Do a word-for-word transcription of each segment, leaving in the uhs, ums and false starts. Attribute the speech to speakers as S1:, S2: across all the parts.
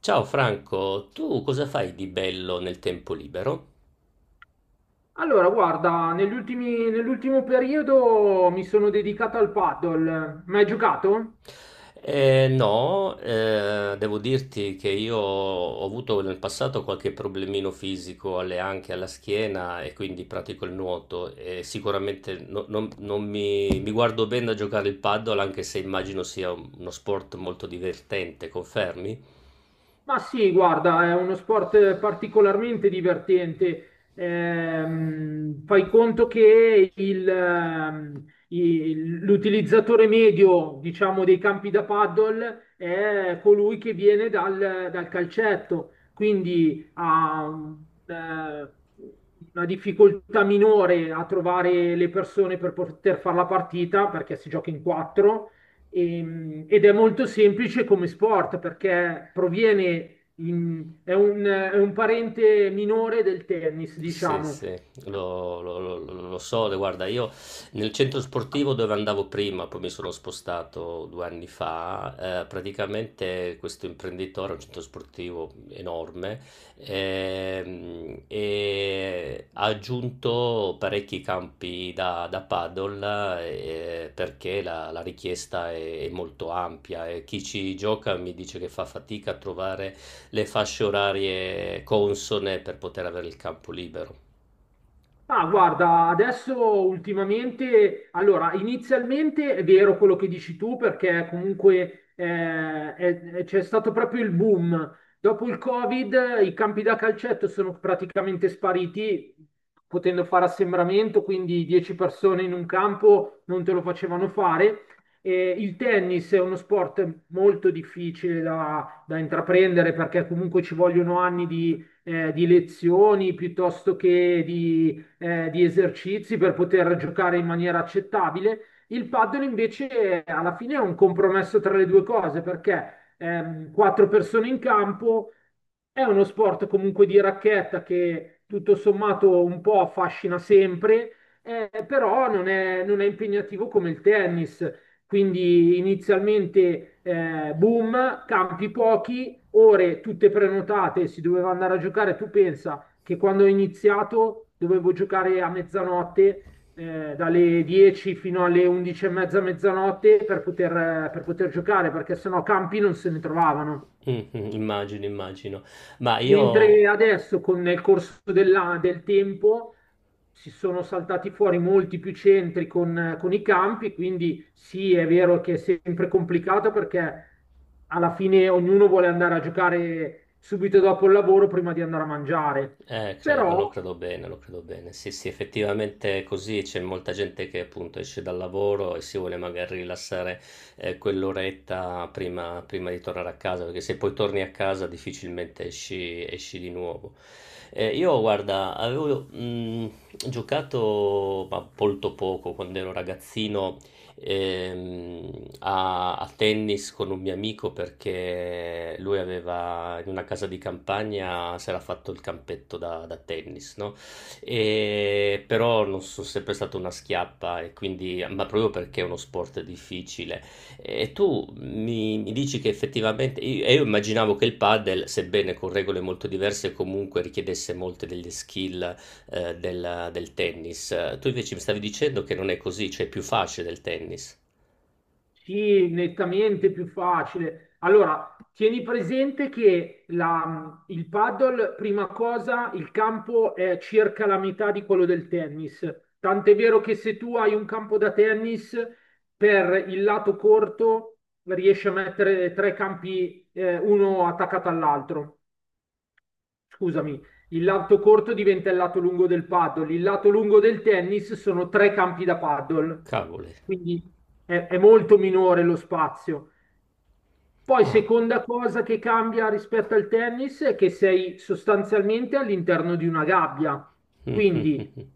S1: Ciao Franco, tu cosa fai di bello nel tempo libero?
S2: Allora, guarda, negli ultimi- nell'ultimo periodo mi sono dedicato al paddle. Ma hai giocato?
S1: Eh, no, eh, devo dirti che io ho avuto nel passato qualche problemino fisico alle anche alla schiena e quindi pratico il nuoto e sicuramente no- non, non mi, mi guardo bene da giocare il paddle anche se immagino sia un- uno sport molto divertente, confermi?
S2: Ma sì, guarda, è uno sport particolarmente divertente. Ehm, fai conto che il, ehm, il- l'utilizzatore medio, diciamo, dei campi da paddle è colui che viene dal, dal calcetto, quindi ha eh, una difficoltà minore a trovare le persone per poter fare la partita perché si gioca in quattro e- ed è molto semplice come sport perché proviene in- è un, è un parente minore del tennis,
S1: Sì,
S2: diciamo.
S1: sì, lo, lo- lo- lo- lo so, guarda, io nel centro sportivo dove andavo prima, poi mi sono spostato due anni fa, eh, praticamente questo imprenditore, un centro sportivo enorme, ehm, e ha aggiunto parecchi campi da, da paddle eh, perché la, la richiesta è, è molto ampia e chi ci gioca mi dice che fa fatica a trovare le fasce orarie consone per poter avere il campo libero.
S2: Ma guarda, adesso ultimamente, allora, inizialmente è vero quello che dici tu, perché comunque eh, è- è- c'è stato proprio il boom. Dopo il Covid, i campi da calcetto sono praticamente spariti, potendo fare assembramento, quindi dieci persone in un campo non te lo facevano fare. E il tennis è uno sport molto difficile da, da intraprendere perché comunque ci vogliono anni di eh, di lezioni piuttosto che di eh, di esercizi per poter giocare in maniera accettabile. Il paddle invece eh, alla fine è un compromesso tra le due cose perché ehm, quattro persone in campo è uno sport comunque di racchetta che tutto sommato un po' affascina sempre, eh, però non è, non è impegnativo come il tennis. Quindi inizialmente eh, boom, campi pochi, ore tutte prenotate, si doveva andare a giocare, tu pensa che quando ho iniziato dovevo giocare a mezzanotte, eh, dalle dieci fino alle undici e mezza, mezzanotte per poter, eh, per poter giocare, perché sennò campi non se ne trovavano.
S1: Mhm, immagino, immagino. Ma
S2: Mentre
S1: io
S2: adesso, con nel corso della- del tempo, si sono saltati fuori molti più centri con, con i campi, quindi sì, è vero che è sempre complicato perché alla fine ognuno vuole andare a giocare subito dopo il lavoro prima di andare a mangiare.
S1: eh, credo, lo
S2: Però.
S1: credo bene, lo credo bene. Sì, sì, effettivamente è così, c'è molta gente che appunto esce dal lavoro e si vuole magari rilassare eh, quell'oretta prima, prima di tornare a casa, perché se poi torni a casa difficilmente esci, esci di nuovo. Eh, io, guarda, avevo mh, giocato ma molto poco quando ero ragazzino ehm, a, a tennis con un mio amico perché lui aveva in una casa di campagna si era fatto il campetto da, da tennis, no? E però non sono sempre stata una schiappa, e quindi, ma proprio perché è uno sport difficile. E tu mi, mi dici che effettivamente, io, e io immaginavo che il padel, sebbene con regole molto diverse, comunque richiedesse molte delle skill eh, della- del tennis. Tu invece mi stavi dicendo che non è così, cioè è più facile del tennis.
S2: Sì, nettamente più facile. Allora, tieni presente che la- il paddle, prima cosa, il campo è circa la metà di quello del tennis. Tant'è vero che se tu hai un campo da tennis, per il lato corto riesci a mettere tre campi, eh, uno attaccato all'altro, scusami, il lato corto diventa il lato lungo del paddle, il lato lungo del tennis sono tre campi da paddle,
S1: Cavoli.
S2: quindi è, è molto minore lo spazio. Poi,
S1: Ah.
S2: seconda cosa che cambia rispetto al tennis è che sei sostanzialmente all'interno di una gabbia.
S1: Mm, mm,
S2: Quindi,
S1: mm, mm.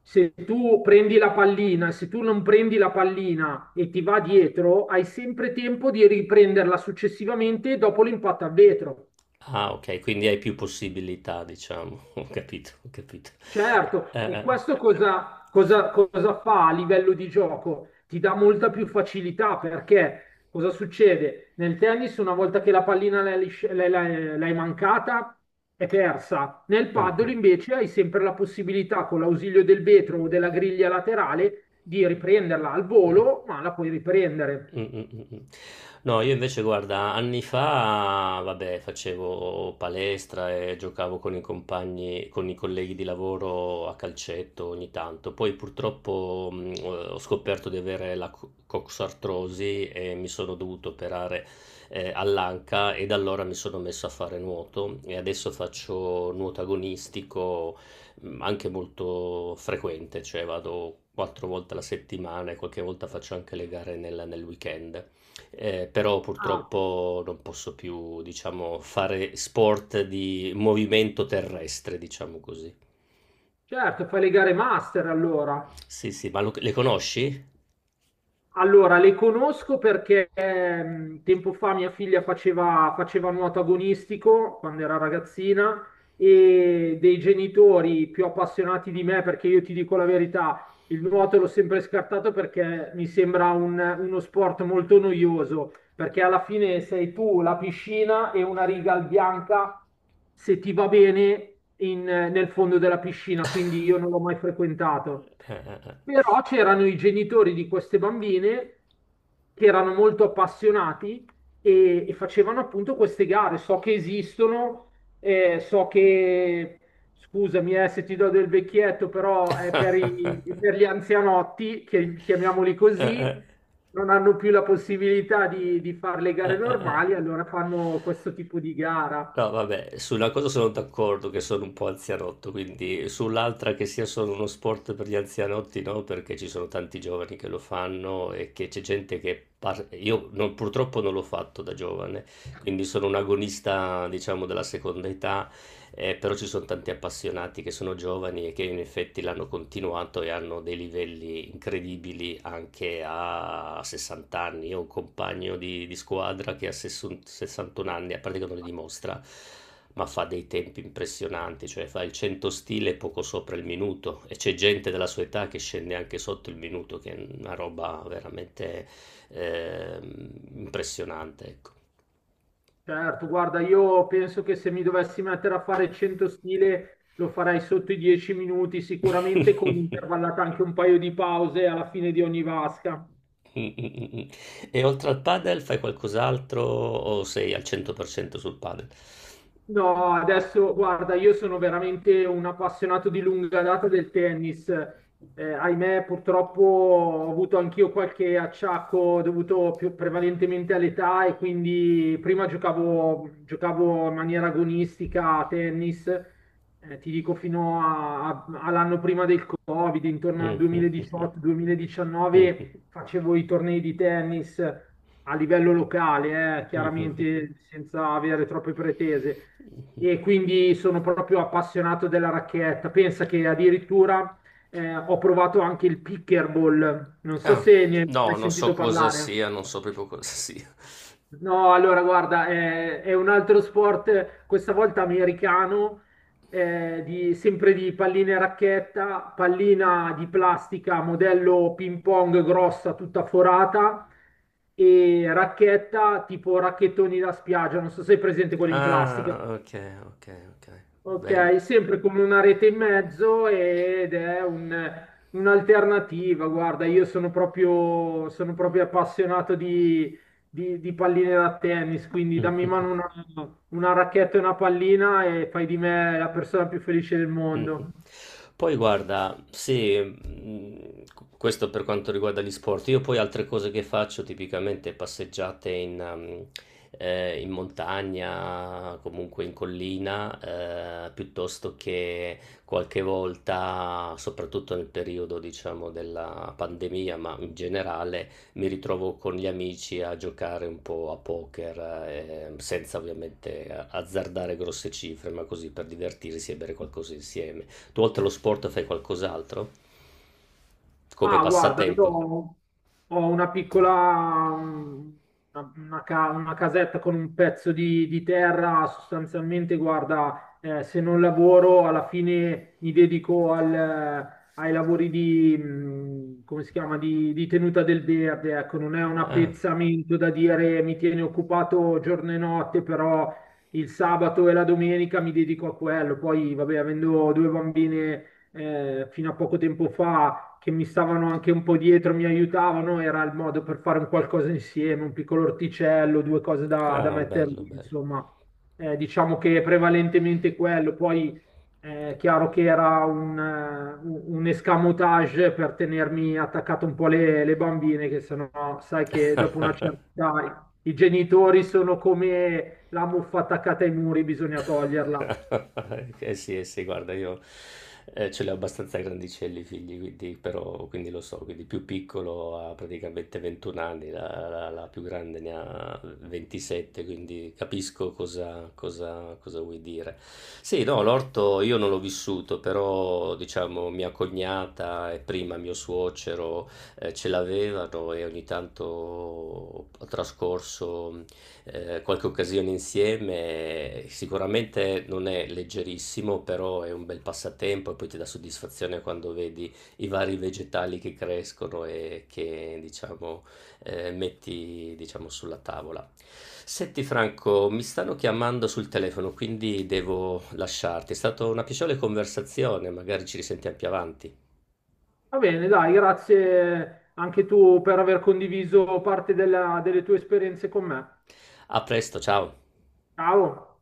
S2: se tu prendi la pallina, se tu non prendi la pallina e ti va dietro, hai sempre tempo di riprenderla successivamente dopo l'impatto a vetro.
S1: Ah, ok, quindi hai più possibilità, diciamo. Ho capito, ho capito. Eh,
S2: Certo,
S1: eh,
S2: e
S1: eh.
S2: questo cosa, cosa- cosa fa a livello di gioco? Ti dà molta più facilità perché cosa succede? Nel tennis, una volta che la pallina l'hai lisci- l'hai- l'hai- l'hai mancata, è persa. Nel paddle
S1: Mhm.
S2: invece hai sempre la possibilità, con l'ausilio del vetro o della griglia laterale, di riprenderla al
S1: Mh,
S2: volo, ma la puoi
S1: mh,
S2: riprendere.
S1: mh, mh. No, io invece guarda, anni fa, vabbè, facevo palestra e giocavo con i compagni, con i colleghi di lavoro a calcetto ogni tanto. Poi purtroppo mh, ho scoperto di avere la co- coxartrosi e mi sono dovuto operare eh, all'anca e da allora mi sono messo a fare nuoto e adesso faccio nuoto agonistico mh, anche molto frequente, cioè vado quattro volte alla settimana e qualche volta faccio anche le gare nel, nel weekend. Eh, però
S2: Ah,
S1: purtroppo non posso più, diciamo, fare sport di movimento terrestre, diciamo così.
S2: certo, fai le gare master allora.
S1: Sì, sì, ma lo- le conosci?
S2: Allora, le conosco perché ehm, tempo fa mia figlia faceva, faceva nuoto agonistico quando era ragazzina e dei genitori più appassionati di me, perché io ti dico la verità, il nuoto l'ho sempre scartato perché mi sembra un- uno sport molto noioso, perché alla fine sei tu, la piscina e una riga al bianca, se ti va bene, in- nel fondo della piscina, quindi io non l'ho mai frequentato.
S1: Eh, eh, eh.
S2: Però c'erano i genitori di queste bambine che erano molto appassionati e, e facevano appunto queste gare. So che esistono, eh, so che, scusami, eh, se ti do del vecchietto, però è per, i- per gli anzianotti, che, chiamiamoli
S1: Eh,
S2: così,
S1: eh,
S2: non hanno più la possibilità di, di fare le
S1: eh,
S2: gare
S1: eh, eh,
S2: normali,
S1: eh.
S2: allora fanno questo tipo di gara.
S1: No, vabbè, sulla cosa sono d'accordo che sono un po' anzianotto, quindi sull'altra che sia solo uno sport per gli anzianotti, no, perché ci sono tanti giovani che lo fanno e che c'è gente che... par- Io non- purtroppo non l'ho fatto da giovane, quindi sono un agonista, diciamo, della seconda età eh, Però ci sono tanti appassionati che sono giovani e che in effetti l'hanno continuato e hanno dei livelli incredibili anche a sessanta anni. Io ho un compagno di, di squadra che a sessanta sessantuno anni, a parte che non li dimostra, ma fa dei tempi impressionanti, cioè fa il cento stile poco sopra il minuto e c'è gente della sua età che scende anche sotto il minuto, che è una roba veramente ehm, impressionante, ecco.
S2: Certo, guarda, io penso che se mi dovessi mettere a fare cento stile lo farei sotto i dieci minuti, sicuramente con intervallata anche un paio di pause alla fine di ogni vasca.
S1: E oltre al padel fai qualcos'altro o sei al cento per cento sul padel?
S2: No, adesso guarda, io sono veramente un appassionato di lunga data del tennis. Eh, ahimè, purtroppo ho avuto anch'io qualche acciacco dovuto più prevalentemente all'età e quindi prima giocavo, giocavo in maniera agonistica a tennis, eh, ti dico fino a- a- all'anno prima del Covid, intorno al
S1: Mhm.
S2: duemiladiciotto-duemiladiciannove facevo i tornei di tennis a livello locale, eh,
S1: Mhm.
S2: chiaramente senza avere troppe pretese
S1: Mhm.
S2: e quindi sono proprio appassionato della racchetta. Pensa che addirittura eh, ho provato anche il pickleball, non so
S1: Ah,
S2: se ne hai
S1: no, non
S2: sentito
S1: so cosa
S2: parlare.
S1: sia, non so proprio cosa sia.
S2: No, allora guarda, eh, è un altro sport, eh, questa volta americano, eh, di- sempre di palline e racchetta, pallina di plastica, modello ping pong grossa, tutta forata, e racchetta tipo racchettoni da spiaggia, non so se è presente quelli in plastica.
S1: Ah, ok, ok, ok,
S2: Ok,
S1: bello.
S2: sempre come una rete in mezzo ed è un- un'alternativa. Guarda, io sono proprio, sono proprio appassionato di, di- di palline da tennis, quindi dammi in mano una, una racchetta e una pallina e fai di me la persona più felice del
S1: Mh-mh.
S2: mondo.
S1: Poi guarda, sì, mhmm, q questo per quanto riguarda gli sport. Io poi altre cose che faccio tipicamente passeggiate in mhmm, ehm, in montagna, comunque in collina, ehm, piuttosto che qualche volta, soprattutto nel periodo diciamo della pandemia, ma in generale, mi ritrovo con gli amici a giocare un po' a poker, eh, senza ovviamente azzardare grosse cifre, ma così per divertirsi e bere qualcosa insieme. Tu oltre allo sport fai qualcos'altro? Come
S2: Ah, guarda, io
S1: passatempo?
S2: ho ho una piccola, mm, una, una ca- una casetta con un pezzo di, di terra, sostanzialmente, guarda, eh, se non lavoro, alla fine mi dedico al- ai lavori di, mm, come si chiama, di, di tenuta del verde, ecco, non è un
S1: Ah,
S2: appezzamento da dire mi tiene occupato giorno e notte, però il sabato e la domenica mi dedico a quello. Poi, vabbè, avendo due bambine, eh, fino a poco tempo fa che mi stavano anche un po' dietro, mi aiutavano, era il modo per fare un qualcosa insieme, un piccolo orticello, due cose da, da
S1: ah,
S2: mettere
S1: bello,
S2: lì,
S1: bello.
S2: insomma. Eh, diciamo che è prevalentemente quello, poi eh, è chiaro che era un, eh, un- un escamotage per tenermi attaccato un po' le, le bambine, che sennò sai che dopo una certa età i genitori sono come la muffa attaccata ai muri, bisogna toglierla.
S1: Eh sì, eh sì, guarda, io eh, ce li ho abbastanza grandicelli i figli, quindi, però, quindi lo so, quindi più piccolo ha praticamente ventuno anni, la, la- la più grande ne ha ventisette, quindi capisco cosa, cosa- cosa vuoi dire. Sì, no, l'orto io non l'ho vissuto, però diciamo mia cognata e prima mio suocero eh, ce l'avevano e ogni tanto ho trascorso eh, qualche occasione insieme. Sicuramente non è leggerissimo, però è un bel passatempo e poi ti dà soddisfazione quando vedi i vari vegetali che crescono e che diciamo eh, metti diciamo, sulla tavola. Senti Franco, mi stanno chiamando sul telefono, quindi devo lasciarti. È stata una piacevole conversazione, magari ci risentiamo più avanti.
S2: Va bene, dai, grazie anche tu per aver condiviso parte della- delle tue esperienze con me.
S1: A presto, ciao.
S2: Ciao.